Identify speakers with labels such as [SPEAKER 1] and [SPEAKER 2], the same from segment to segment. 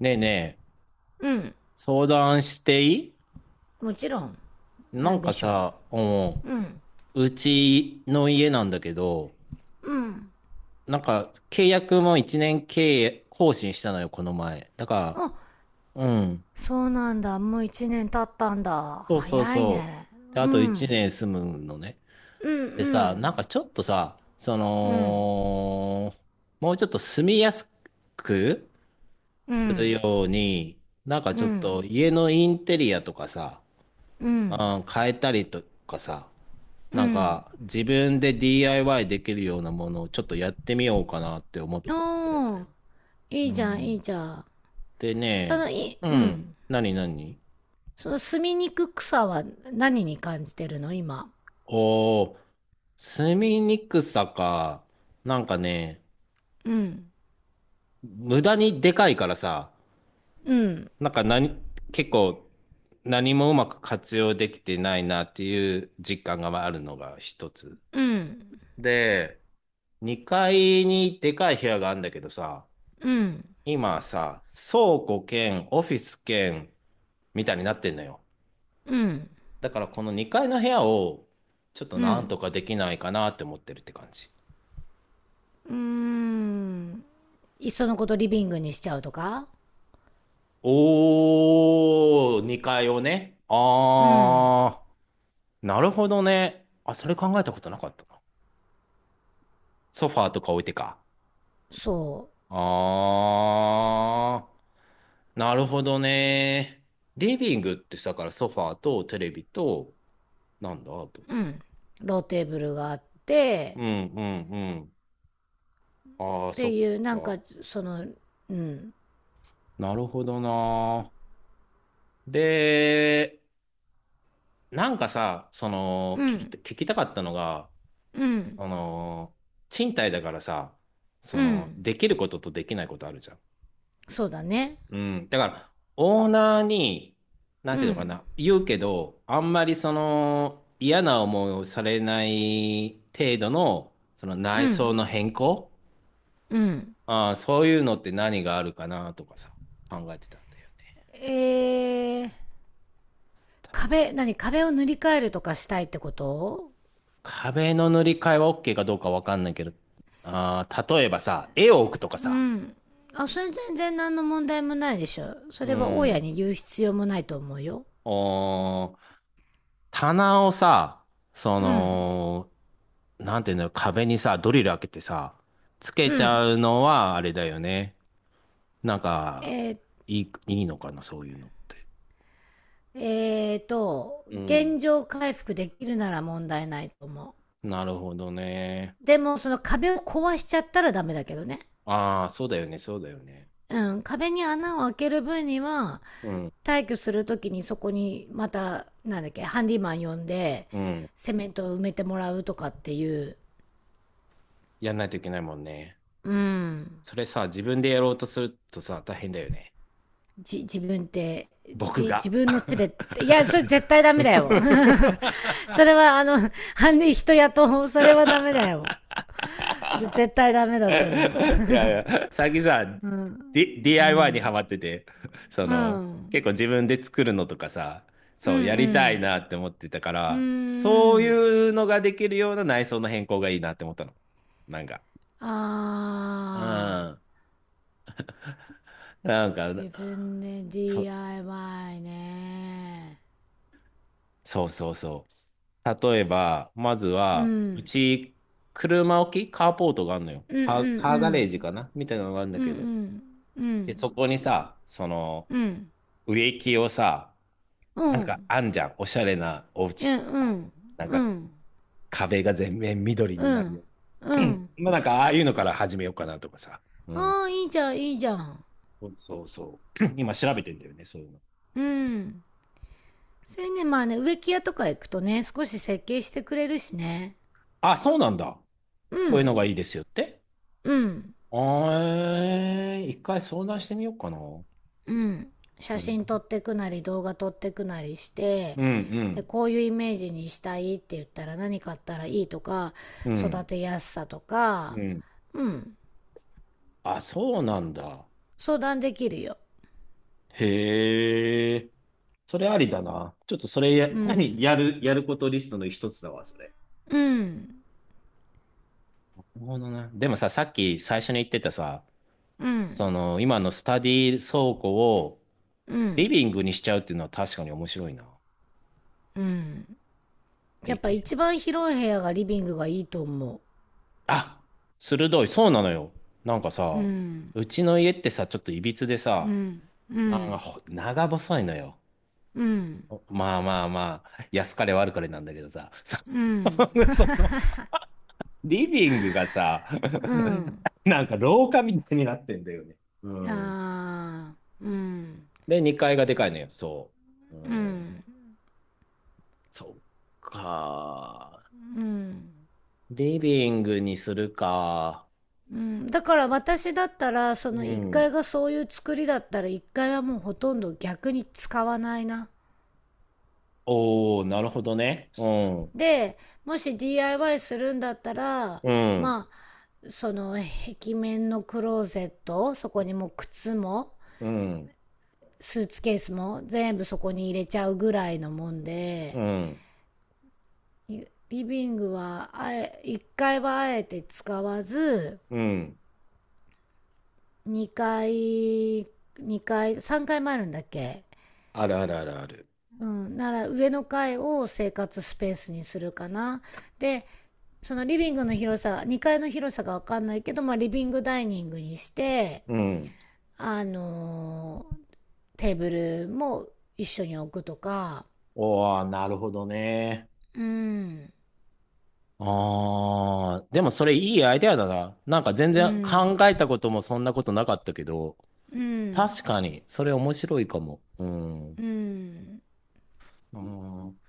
[SPEAKER 1] ねえねえ、
[SPEAKER 2] うん。
[SPEAKER 1] 相談していい？
[SPEAKER 2] もちろん。な
[SPEAKER 1] な
[SPEAKER 2] ん
[SPEAKER 1] ん
[SPEAKER 2] で
[SPEAKER 1] か
[SPEAKER 2] しょ
[SPEAKER 1] さ、うん、
[SPEAKER 2] う。うん、
[SPEAKER 1] うちの家なんだけど、なんか契約も1年契約更新したのよ、この前。だか
[SPEAKER 2] あ、
[SPEAKER 1] ら、うん、
[SPEAKER 2] そうなんだ、もう1年経ったんだ、
[SPEAKER 1] そうそう
[SPEAKER 2] 早い
[SPEAKER 1] そ
[SPEAKER 2] ね。
[SPEAKER 1] う。で、あ
[SPEAKER 2] う
[SPEAKER 1] と1
[SPEAKER 2] ん
[SPEAKER 1] 年住むのね。
[SPEAKER 2] う
[SPEAKER 1] でさ、なん
[SPEAKER 2] ん
[SPEAKER 1] かちょっとさ、そ
[SPEAKER 2] うんうん
[SPEAKER 1] の、もうちょっと住みやすく
[SPEAKER 2] う
[SPEAKER 1] する
[SPEAKER 2] ん
[SPEAKER 1] ように、なんか
[SPEAKER 2] う
[SPEAKER 1] ちょっと
[SPEAKER 2] ん
[SPEAKER 1] 家のインテリアとかさ、
[SPEAKER 2] う
[SPEAKER 1] う
[SPEAKER 2] ん
[SPEAKER 1] ん、変えたりとかさ、
[SPEAKER 2] う
[SPEAKER 1] なん
[SPEAKER 2] ん。
[SPEAKER 1] か、自分で DIY できるようなものをちょっとやってみようかなって思ってるの
[SPEAKER 2] おー、
[SPEAKER 1] よ。う
[SPEAKER 2] いいじゃんいい
[SPEAKER 1] ん。
[SPEAKER 2] じゃん。
[SPEAKER 1] で
[SPEAKER 2] そ
[SPEAKER 1] ね、
[SPEAKER 2] のい
[SPEAKER 1] う
[SPEAKER 2] う
[SPEAKER 1] ん。
[SPEAKER 2] ん
[SPEAKER 1] 何何、
[SPEAKER 2] その住みにくくさは何に感じてるの今？
[SPEAKER 1] おおー、住みにくさか。なんかね、
[SPEAKER 2] うん
[SPEAKER 1] 無駄にでかいからさ、
[SPEAKER 2] うん
[SPEAKER 1] なんか何、結構、何もうまく活用できてないなっていう実感があるのが一つ。
[SPEAKER 2] うん
[SPEAKER 1] で、2階にでかい部屋があるんだけどさ、
[SPEAKER 2] うん
[SPEAKER 1] 今さ、倉庫兼オフィス兼みたいになってんのよ。
[SPEAKER 2] うん
[SPEAKER 1] だからこの2階の部屋をちょっと
[SPEAKER 2] う
[SPEAKER 1] なんと
[SPEAKER 2] ん。
[SPEAKER 1] かできないかなって思ってるって感じ。
[SPEAKER 2] うーん、いっそのことリビングにしちゃうとか。
[SPEAKER 1] おー、2階をね。
[SPEAKER 2] うん、
[SPEAKER 1] あー、なるほどね。あ、それ考えたことなかったな。ソファーとか置いてか。
[SPEAKER 2] そ
[SPEAKER 1] あー、なるほどね。リビングってさ、だからソファーとテレビと、なんだ、あと。
[SPEAKER 2] う、うん、ローテーブルがあっ
[SPEAKER 1] う
[SPEAKER 2] て、
[SPEAKER 1] んうんうん。あー、
[SPEAKER 2] っ
[SPEAKER 1] そ
[SPEAKER 2] て
[SPEAKER 1] っ
[SPEAKER 2] いうなんか
[SPEAKER 1] か。
[SPEAKER 2] その、うん
[SPEAKER 1] なるほどな。で、なんかさ、その、
[SPEAKER 2] うん
[SPEAKER 1] 聞きたかったのが、
[SPEAKER 2] う
[SPEAKER 1] そ
[SPEAKER 2] ん。
[SPEAKER 1] の、賃貸だからさ、そ
[SPEAKER 2] う
[SPEAKER 1] の、
[SPEAKER 2] ん、
[SPEAKER 1] できることとできないことあるじゃん。
[SPEAKER 2] そうだね。
[SPEAKER 1] うん。だから、オーナーに、な
[SPEAKER 2] う
[SPEAKER 1] んていうのか
[SPEAKER 2] ん
[SPEAKER 1] な、言うけど、あんまりその、嫌な思いをされない程度の、その
[SPEAKER 2] う
[SPEAKER 1] 内装
[SPEAKER 2] ん
[SPEAKER 1] の変更、
[SPEAKER 2] うん。
[SPEAKER 1] ああ、そういうのって何があるかなとかさ、考えてたんだよね。
[SPEAKER 2] えー、壁、壁を塗り替えるとかしたいってこと？
[SPEAKER 1] 壁の塗り替えは OK かどうかわかんないけど、あー、例えばさ、絵を置くとか
[SPEAKER 2] う
[SPEAKER 1] さ、
[SPEAKER 2] ん。あ、それ全然何の問題もないでしょ、そ
[SPEAKER 1] う
[SPEAKER 2] れは大家
[SPEAKER 1] ん。
[SPEAKER 2] に言う必要もないと思うよ。
[SPEAKER 1] おー、棚をさ、そ
[SPEAKER 2] うん。
[SPEAKER 1] の、なんていうんだろう、壁にさ、ドリル開けてさ、つけ
[SPEAKER 2] う
[SPEAKER 1] ち
[SPEAKER 2] ん。
[SPEAKER 1] ゃうのはあれだよね。なんか、
[SPEAKER 2] えー、
[SPEAKER 1] いいのかな、そういうのって。う
[SPEAKER 2] 現
[SPEAKER 1] ん。
[SPEAKER 2] 状回復できるなら問題ないと思う。
[SPEAKER 1] なるほどね。
[SPEAKER 2] でもその壁を壊しちゃったらダメだけどね。
[SPEAKER 1] ああ、そうだよね、そうだよね。
[SPEAKER 2] うん、壁に穴を開ける分には、
[SPEAKER 1] うん、
[SPEAKER 2] 退去する時にそこにまた、なんだっけ、ハンディマン呼んで
[SPEAKER 1] うん。
[SPEAKER 2] セメントを埋めてもらうとかっていう。
[SPEAKER 1] やんないといけないもんね。
[SPEAKER 2] うん。
[SPEAKER 1] それさ、自分でやろうとするとさ、大変だよね。
[SPEAKER 2] 自分って？
[SPEAKER 1] 僕
[SPEAKER 2] じ自
[SPEAKER 1] が。
[SPEAKER 2] 分の手でっていや、それ絶対ダ
[SPEAKER 1] い
[SPEAKER 2] メだよ それはあの、ハンディ人雇う、それはダメだよ。絶対ダメだと思う
[SPEAKER 1] やい や、最近さ、
[SPEAKER 2] う
[SPEAKER 1] DIY にハ
[SPEAKER 2] ん。
[SPEAKER 1] マってて、そ
[SPEAKER 2] う
[SPEAKER 1] の、
[SPEAKER 2] ん。
[SPEAKER 1] 結構自分で作るのとかさ、
[SPEAKER 2] う
[SPEAKER 1] そう、やりたい
[SPEAKER 2] ん
[SPEAKER 1] なって思ってたか
[SPEAKER 2] う
[SPEAKER 1] ら、
[SPEAKER 2] ん。う
[SPEAKER 1] そう
[SPEAKER 2] ん。
[SPEAKER 1] いうのができるような内装の変更がいいなって思ったの。なんか。う
[SPEAKER 2] ああ、
[SPEAKER 1] ん。なんか、
[SPEAKER 2] 自分で
[SPEAKER 1] そ、
[SPEAKER 2] DIY ね。
[SPEAKER 1] そうそうそう。例えば、まず
[SPEAKER 2] う
[SPEAKER 1] は、う
[SPEAKER 2] ん。
[SPEAKER 1] ち、車置きカーポートがあるのよ。
[SPEAKER 2] うんうんう
[SPEAKER 1] カーガレージ
[SPEAKER 2] ん。
[SPEAKER 1] かなみたいなのがあるん
[SPEAKER 2] う
[SPEAKER 1] だ
[SPEAKER 2] んう
[SPEAKER 1] けど。
[SPEAKER 2] ん。う
[SPEAKER 1] で、
[SPEAKER 2] ん。
[SPEAKER 1] そこにさ、その、
[SPEAKER 2] うん。
[SPEAKER 1] 植木をさ、
[SPEAKER 2] う
[SPEAKER 1] なんか
[SPEAKER 2] ん。
[SPEAKER 1] あんじゃん。おしゃれなお家っ
[SPEAKER 2] え、
[SPEAKER 1] て
[SPEAKER 2] う
[SPEAKER 1] さ、
[SPEAKER 2] ん
[SPEAKER 1] なん
[SPEAKER 2] う
[SPEAKER 1] か
[SPEAKER 2] ん。
[SPEAKER 1] 壁が全面緑
[SPEAKER 2] う
[SPEAKER 1] になる
[SPEAKER 2] ん。
[SPEAKER 1] よう
[SPEAKER 2] う
[SPEAKER 1] に。
[SPEAKER 2] ん。
[SPEAKER 1] まあなんかああいうのから始めようかなとかさ。うん。
[SPEAKER 2] ああ、いいじゃん、いいじゃん。
[SPEAKER 1] そうそうそう。今調べてんだよね、そういうの。
[SPEAKER 2] うん。それね、まあね、植木屋とか行くとね、少し設計してくれるしね。
[SPEAKER 1] あ、そうなんだ。
[SPEAKER 2] う
[SPEAKER 1] こういうのが
[SPEAKER 2] ん。
[SPEAKER 1] いいですよって。
[SPEAKER 2] うん。
[SPEAKER 1] あー、一回相談してみようかな。う
[SPEAKER 2] うん。写真撮
[SPEAKER 1] ん、
[SPEAKER 2] ってくなり、動画撮ってくなりして、
[SPEAKER 1] う
[SPEAKER 2] で
[SPEAKER 1] ん、
[SPEAKER 2] こういうイメージにしたいって言ったら、何買ったらいいとか、
[SPEAKER 1] う
[SPEAKER 2] 育
[SPEAKER 1] ん、
[SPEAKER 2] てやすさと
[SPEAKER 1] う
[SPEAKER 2] か、
[SPEAKER 1] ん。
[SPEAKER 2] うん、
[SPEAKER 1] あ、そうなんだ。
[SPEAKER 2] 相談できるよ。
[SPEAKER 1] へえ。それありだな。ちょっとそれや、
[SPEAKER 2] う
[SPEAKER 1] 何
[SPEAKER 2] ん
[SPEAKER 1] やる、やることリストの一つだわ、それ。
[SPEAKER 2] うん
[SPEAKER 1] なるほどね。でもさ、さっき最初に言ってたさ、
[SPEAKER 2] う
[SPEAKER 1] そ
[SPEAKER 2] ん
[SPEAKER 1] の、今のスタディ倉庫を
[SPEAKER 2] う
[SPEAKER 1] リ
[SPEAKER 2] ん
[SPEAKER 1] ビングにしちゃうっていうのは確かに面白いな。
[SPEAKER 2] うん。や
[SPEAKER 1] で
[SPEAKER 2] っぱ
[SPEAKER 1] き、
[SPEAKER 2] 一番広い部屋がリビングがいいと思
[SPEAKER 1] あ、鋭い、そうなのよ。なんか
[SPEAKER 2] う。う
[SPEAKER 1] さ、
[SPEAKER 2] ん
[SPEAKER 1] うちの家ってさ、ちょっといびつで
[SPEAKER 2] う
[SPEAKER 1] さ、
[SPEAKER 2] んう
[SPEAKER 1] なんか
[SPEAKER 2] ん
[SPEAKER 1] 長細いのよ。
[SPEAKER 2] うん
[SPEAKER 1] お、まあまあまあ、安かれ悪かれなんだけどさ、
[SPEAKER 2] うん。
[SPEAKER 1] その、リビングがさ、
[SPEAKER 2] う ん
[SPEAKER 1] なんか廊下みたいになってんだよね。うん。
[SPEAKER 2] あー。うん
[SPEAKER 1] で、2階がでかいのよ、そう。う
[SPEAKER 2] う
[SPEAKER 1] ん、
[SPEAKER 2] ん
[SPEAKER 1] そっか。
[SPEAKER 2] うん。
[SPEAKER 1] リビングにするか。
[SPEAKER 2] うん、だから私だったらそ
[SPEAKER 1] う
[SPEAKER 2] の1階
[SPEAKER 1] ん。
[SPEAKER 2] がそういう作りだったら1階はもうほとんど逆に使わないな。
[SPEAKER 1] おー、なるほどね。うん。
[SPEAKER 2] で、もし DIY するんだったら、
[SPEAKER 1] うん。
[SPEAKER 2] まあその、壁面のクローゼット、そこにもう靴も
[SPEAKER 1] うん。
[SPEAKER 2] スーツケースも全部そこに入れちゃうぐらいのもん
[SPEAKER 1] う
[SPEAKER 2] で、
[SPEAKER 1] ん。
[SPEAKER 2] リビングは1階はあえて使わず、
[SPEAKER 1] うん。
[SPEAKER 2] 2階、3階もあるんだっけ？
[SPEAKER 1] あるあるあるある。
[SPEAKER 2] うん、なら上の階を生活スペースにするかな。で、そのリビングの広さ、2階の広さがわかんないけど、まあリビングダイニングにして、
[SPEAKER 1] うん。
[SPEAKER 2] あのー、テーブルも一緒に置くとか。
[SPEAKER 1] おー、なるほどね。
[SPEAKER 2] うん、
[SPEAKER 1] あー、でもそれいいアイデアだな。なんか全
[SPEAKER 2] う
[SPEAKER 1] 然
[SPEAKER 2] ん、
[SPEAKER 1] 考えたこともそんなことなかったけど、
[SPEAKER 2] う
[SPEAKER 1] 確
[SPEAKER 2] ん、
[SPEAKER 1] かに、それ面白いかも。うん。
[SPEAKER 2] うん、
[SPEAKER 1] うん。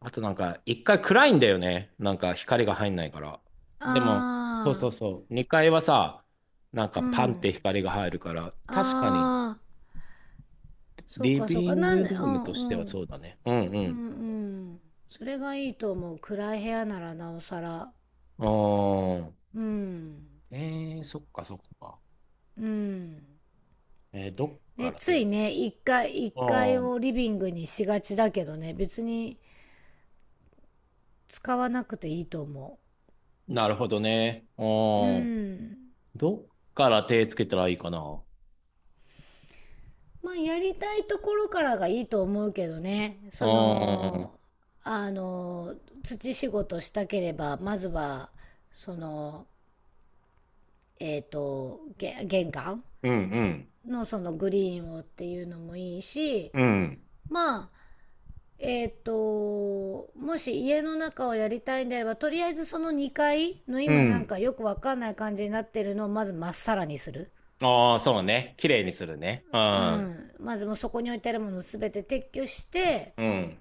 [SPEAKER 1] あとなんか、一回暗いんだよね。なんか光が入んないから。でも、そうそう
[SPEAKER 2] あ
[SPEAKER 1] そう。二階はさ、なん
[SPEAKER 2] ー、
[SPEAKER 1] か
[SPEAKER 2] う
[SPEAKER 1] パンって
[SPEAKER 2] ん、
[SPEAKER 1] 光が入るから、確かに
[SPEAKER 2] あー、そう
[SPEAKER 1] リ
[SPEAKER 2] かそう
[SPEAKER 1] ビ
[SPEAKER 2] か、
[SPEAKER 1] ン
[SPEAKER 2] なん
[SPEAKER 1] グル
[SPEAKER 2] で、う
[SPEAKER 1] ーム
[SPEAKER 2] ん、
[SPEAKER 1] としては
[SPEAKER 2] う
[SPEAKER 1] そ
[SPEAKER 2] ん、
[SPEAKER 1] うだね。うんう
[SPEAKER 2] うん、う
[SPEAKER 1] ん。
[SPEAKER 2] ん。それがいいと思う。暗い部屋ならなおさら。
[SPEAKER 1] うーん。
[SPEAKER 2] うん。
[SPEAKER 1] えー、そっかそっか。
[SPEAKER 2] うん。
[SPEAKER 1] えー、どっか
[SPEAKER 2] ね、
[SPEAKER 1] ら
[SPEAKER 2] つ
[SPEAKER 1] 手
[SPEAKER 2] い
[SPEAKER 1] つけ、
[SPEAKER 2] ね、一階、一
[SPEAKER 1] あ
[SPEAKER 2] 階
[SPEAKER 1] ー、
[SPEAKER 2] をリビングにしがちだけどね、別に使わなくていいと思
[SPEAKER 1] なるほどね。あ
[SPEAKER 2] う。う
[SPEAKER 1] ー、
[SPEAKER 2] ん。
[SPEAKER 1] どっから手つけたらいいかな。
[SPEAKER 2] まあ、やりたいところからがいいと思うけどね。
[SPEAKER 1] う
[SPEAKER 2] そ
[SPEAKER 1] ーん。
[SPEAKER 2] の、あの、土仕事したければ、まずは、その、玄関
[SPEAKER 1] うんうん。
[SPEAKER 2] のそのグリーンをっていうのもいいし、
[SPEAKER 1] うん。
[SPEAKER 2] まあ、もし家の中をやりたいんであれば、とりあえずその2階の
[SPEAKER 1] う
[SPEAKER 2] 今なん
[SPEAKER 1] ん。
[SPEAKER 2] かよくわかんない感じになってるのをまずまっさらにする。
[SPEAKER 1] ああ、そうね。綺麗にするね。う
[SPEAKER 2] う
[SPEAKER 1] ん。
[SPEAKER 2] ん。まずもうそこに置いてあるものすべて撤去して、
[SPEAKER 1] うん。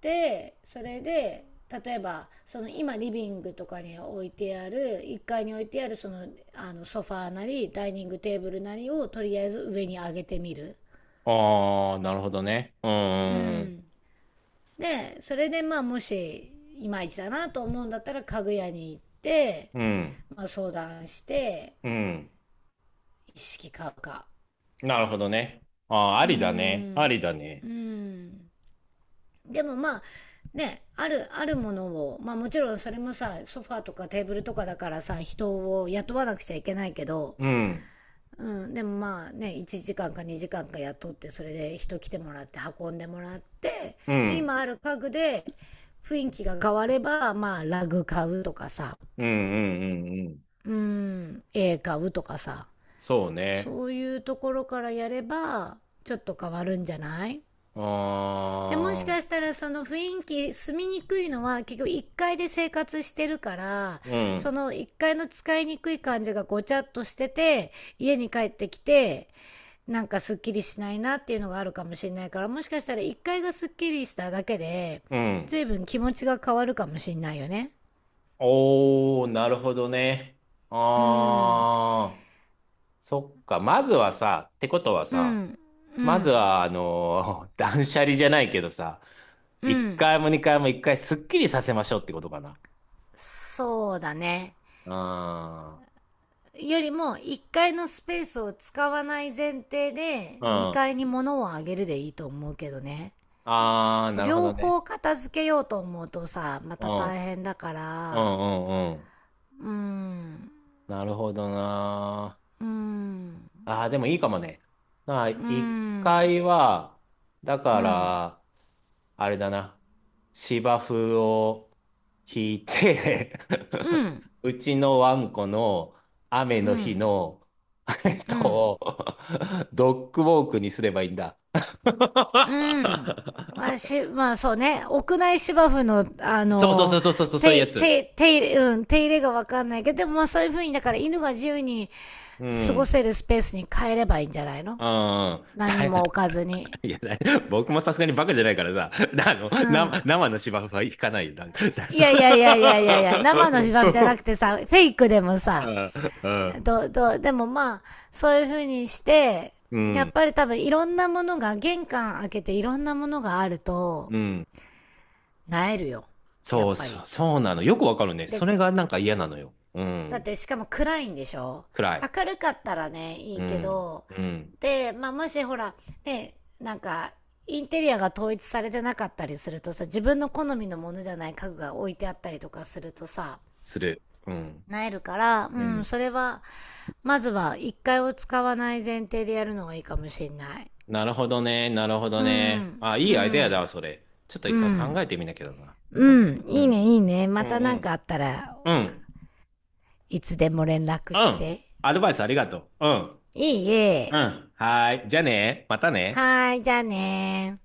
[SPEAKER 2] で、それで、例えば、その今リビングとかに置いてある、1階に置いてあるその、あのソファーなり、ダイニングテーブルなりをとりあえず上に上げてみる。
[SPEAKER 1] ああ、なるほどね。うん、
[SPEAKER 2] う
[SPEAKER 1] うん、
[SPEAKER 2] ん。で、それでまあもし、いまいちだなと思うんだったら家具屋に行って、
[SPEAKER 1] うん。
[SPEAKER 2] まあ、相談して、
[SPEAKER 1] ん、
[SPEAKER 2] 意識買うか。
[SPEAKER 1] なるほどね。ああ、あ
[SPEAKER 2] うー
[SPEAKER 1] りだね。あ
[SPEAKER 2] ん。
[SPEAKER 1] りだね。
[SPEAKER 2] うーん。でもまあ、ね、ある、あるものを、まあもちろんそれもさ、ソファーとかテーブルとかだからさ、人を雇わなくちゃいけないけど、
[SPEAKER 1] うん、
[SPEAKER 2] うん、でもまあね、1時間か2時間かんか雇って、それで人来てもらって、運んでもらって、
[SPEAKER 1] う
[SPEAKER 2] で、今
[SPEAKER 1] ん、
[SPEAKER 2] ある家具で雰囲気が変われば、まあラグ買うとかさ、
[SPEAKER 1] うん、うん、うん。うん、
[SPEAKER 2] うん、絵買うとかさ、
[SPEAKER 1] そうね。
[SPEAKER 2] そういうところからやればちょっと変わるんじゃない？
[SPEAKER 1] あ
[SPEAKER 2] でもし
[SPEAKER 1] あ、
[SPEAKER 2] かしたらその雰囲気、住みにくいのは結局1階で生活してるから、
[SPEAKER 1] う
[SPEAKER 2] そ
[SPEAKER 1] ん、
[SPEAKER 2] の1階の使いにくい感じがごちゃっとしてて、家に帰ってきてなんかすっきりしないなっていうのがあるかもしれないから、もしかしたら1階がすっきりしただけで
[SPEAKER 1] うん。
[SPEAKER 2] 随分気持ちが変わるかもしれないよね。
[SPEAKER 1] おー、なるほどね。
[SPEAKER 2] うーん
[SPEAKER 1] ああ、そっか。まずはさ、ってことは
[SPEAKER 2] う
[SPEAKER 1] さ、
[SPEAKER 2] んう
[SPEAKER 1] まず
[SPEAKER 2] ん
[SPEAKER 1] は、断捨離じゃないけどさ、
[SPEAKER 2] う
[SPEAKER 1] 一
[SPEAKER 2] ん。
[SPEAKER 1] 回も二回も一回すっきりさせましょうってことかな。
[SPEAKER 2] そうだね。
[SPEAKER 1] ああ。
[SPEAKER 2] よりも1階のスペースを使わない前提で
[SPEAKER 1] うん。あ
[SPEAKER 2] 2階に物をあげるでいいと思うけどね。
[SPEAKER 1] あ、なるほ
[SPEAKER 2] 両
[SPEAKER 1] どね。
[SPEAKER 2] 方片付けようと思うとさ、ま
[SPEAKER 1] う
[SPEAKER 2] た
[SPEAKER 1] ん。うん
[SPEAKER 2] 大変だか
[SPEAKER 1] う
[SPEAKER 2] ら。
[SPEAKER 1] んうん。
[SPEAKER 2] うーん、
[SPEAKER 1] なるほどな。
[SPEAKER 2] うーん、
[SPEAKER 1] ああ、でもいいかもね。まあ、
[SPEAKER 2] うー
[SPEAKER 1] 一
[SPEAKER 2] ん、
[SPEAKER 1] 回は、だ
[SPEAKER 2] う
[SPEAKER 1] か
[SPEAKER 2] ん、
[SPEAKER 1] ら、あれだな。芝生を引いて
[SPEAKER 2] う ん、
[SPEAKER 1] うちのワンコの雨
[SPEAKER 2] う
[SPEAKER 1] の日
[SPEAKER 2] ん、
[SPEAKER 1] の、えっ
[SPEAKER 2] うん、
[SPEAKER 1] と、ドッグウォークにすればいいんだ。
[SPEAKER 2] うん。し、まあそうね、屋内芝生の、あ
[SPEAKER 1] そうそうそ
[SPEAKER 2] の、
[SPEAKER 1] うそうそう、そういう
[SPEAKER 2] 手、
[SPEAKER 1] やつ。
[SPEAKER 2] 手、手入れ、うん、手入れがわかんないけど、でもそういう風に、だから犬が自由に
[SPEAKER 1] う
[SPEAKER 2] 過ご
[SPEAKER 1] ん。
[SPEAKER 2] せるスペースに変えればいいんじゃないの？
[SPEAKER 1] うんうん。
[SPEAKER 2] 何にも置かずに。
[SPEAKER 1] いや、僕もさすがにバカじゃないからさ、
[SPEAKER 2] うん。
[SPEAKER 1] 生の芝生は引かないよ。
[SPEAKER 2] い
[SPEAKER 1] そう。
[SPEAKER 2] やいやいやいやいやいや、生のフィファフじゃなくて さ、フェイクでもさ、ど、ど、でもまあ、そういう風にして、
[SPEAKER 1] うん、
[SPEAKER 2] や
[SPEAKER 1] う
[SPEAKER 2] っ
[SPEAKER 1] ん。
[SPEAKER 2] ぱり多分いろんなものが、玄関開けていろんなものがあると、
[SPEAKER 1] うん、
[SPEAKER 2] なえるよ。や
[SPEAKER 1] そ
[SPEAKER 2] っ
[SPEAKER 1] う
[SPEAKER 2] ぱ
[SPEAKER 1] そ
[SPEAKER 2] り。
[SPEAKER 1] う、そうなの。よくわかるね。
[SPEAKER 2] で、
[SPEAKER 1] それがなんか嫌なのよ。う
[SPEAKER 2] だっ
[SPEAKER 1] ん。
[SPEAKER 2] てしかも暗いんでしょ？
[SPEAKER 1] 暗い。
[SPEAKER 2] 明るかったらね、い
[SPEAKER 1] う
[SPEAKER 2] いけ
[SPEAKER 1] ん。
[SPEAKER 2] ど、
[SPEAKER 1] うん。
[SPEAKER 2] で、まあ、もしほら、ね、なんか、インテリアが統一されてなかったりするとさ、自分の好みのものじゃない家具が置いてあったりとかするとさ、
[SPEAKER 1] する。うん。
[SPEAKER 2] なえるから、う
[SPEAKER 1] う
[SPEAKER 2] ん、
[SPEAKER 1] ん。
[SPEAKER 2] それは、まずは一回を使わない前提でやるのがいいかもしんない。
[SPEAKER 1] なるほどね。なるほど
[SPEAKER 2] う
[SPEAKER 1] ね。
[SPEAKER 2] ん、
[SPEAKER 1] あ、い
[SPEAKER 2] う
[SPEAKER 1] いアイデアだわ、
[SPEAKER 2] ん、
[SPEAKER 1] それ。ちょっと
[SPEAKER 2] う
[SPEAKER 1] 一回考
[SPEAKER 2] ん、
[SPEAKER 1] えてみなきゃだな。う
[SPEAKER 2] う
[SPEAKER 1] ん。
[SPEAKER 2] ん、
[SPEAKER 1] う
[SPEAKER 2] いいね、
[SPEAKER 1] ん。
[SPEAKER 2] いいね。ま
[SPEAKER 1] う
[SPEAKER 2] た
[SPEAKER 1] ん。う
[SPEAKER 2] なん
[SPEAKER 1] ん。
[SPEAKER 2] かあったら
[SPEAKER 1] うん。
[SPEAKER 2] いつでも連絡
[SPEAKER 1] う
[SPEAKER 2] し
[SPEAKER 1] ん、
[SPEAKER 2] て。
[SPEAKER 1] アドバイスありがとう。うん。
[SPEAKER 2] いい
[SPEAKER 1] う
[SPEAKER 2] え。
[SPEAKER 1] ん。はーい。じゃあね。またね。
[SPEAKER 2] はーい、じゃあねー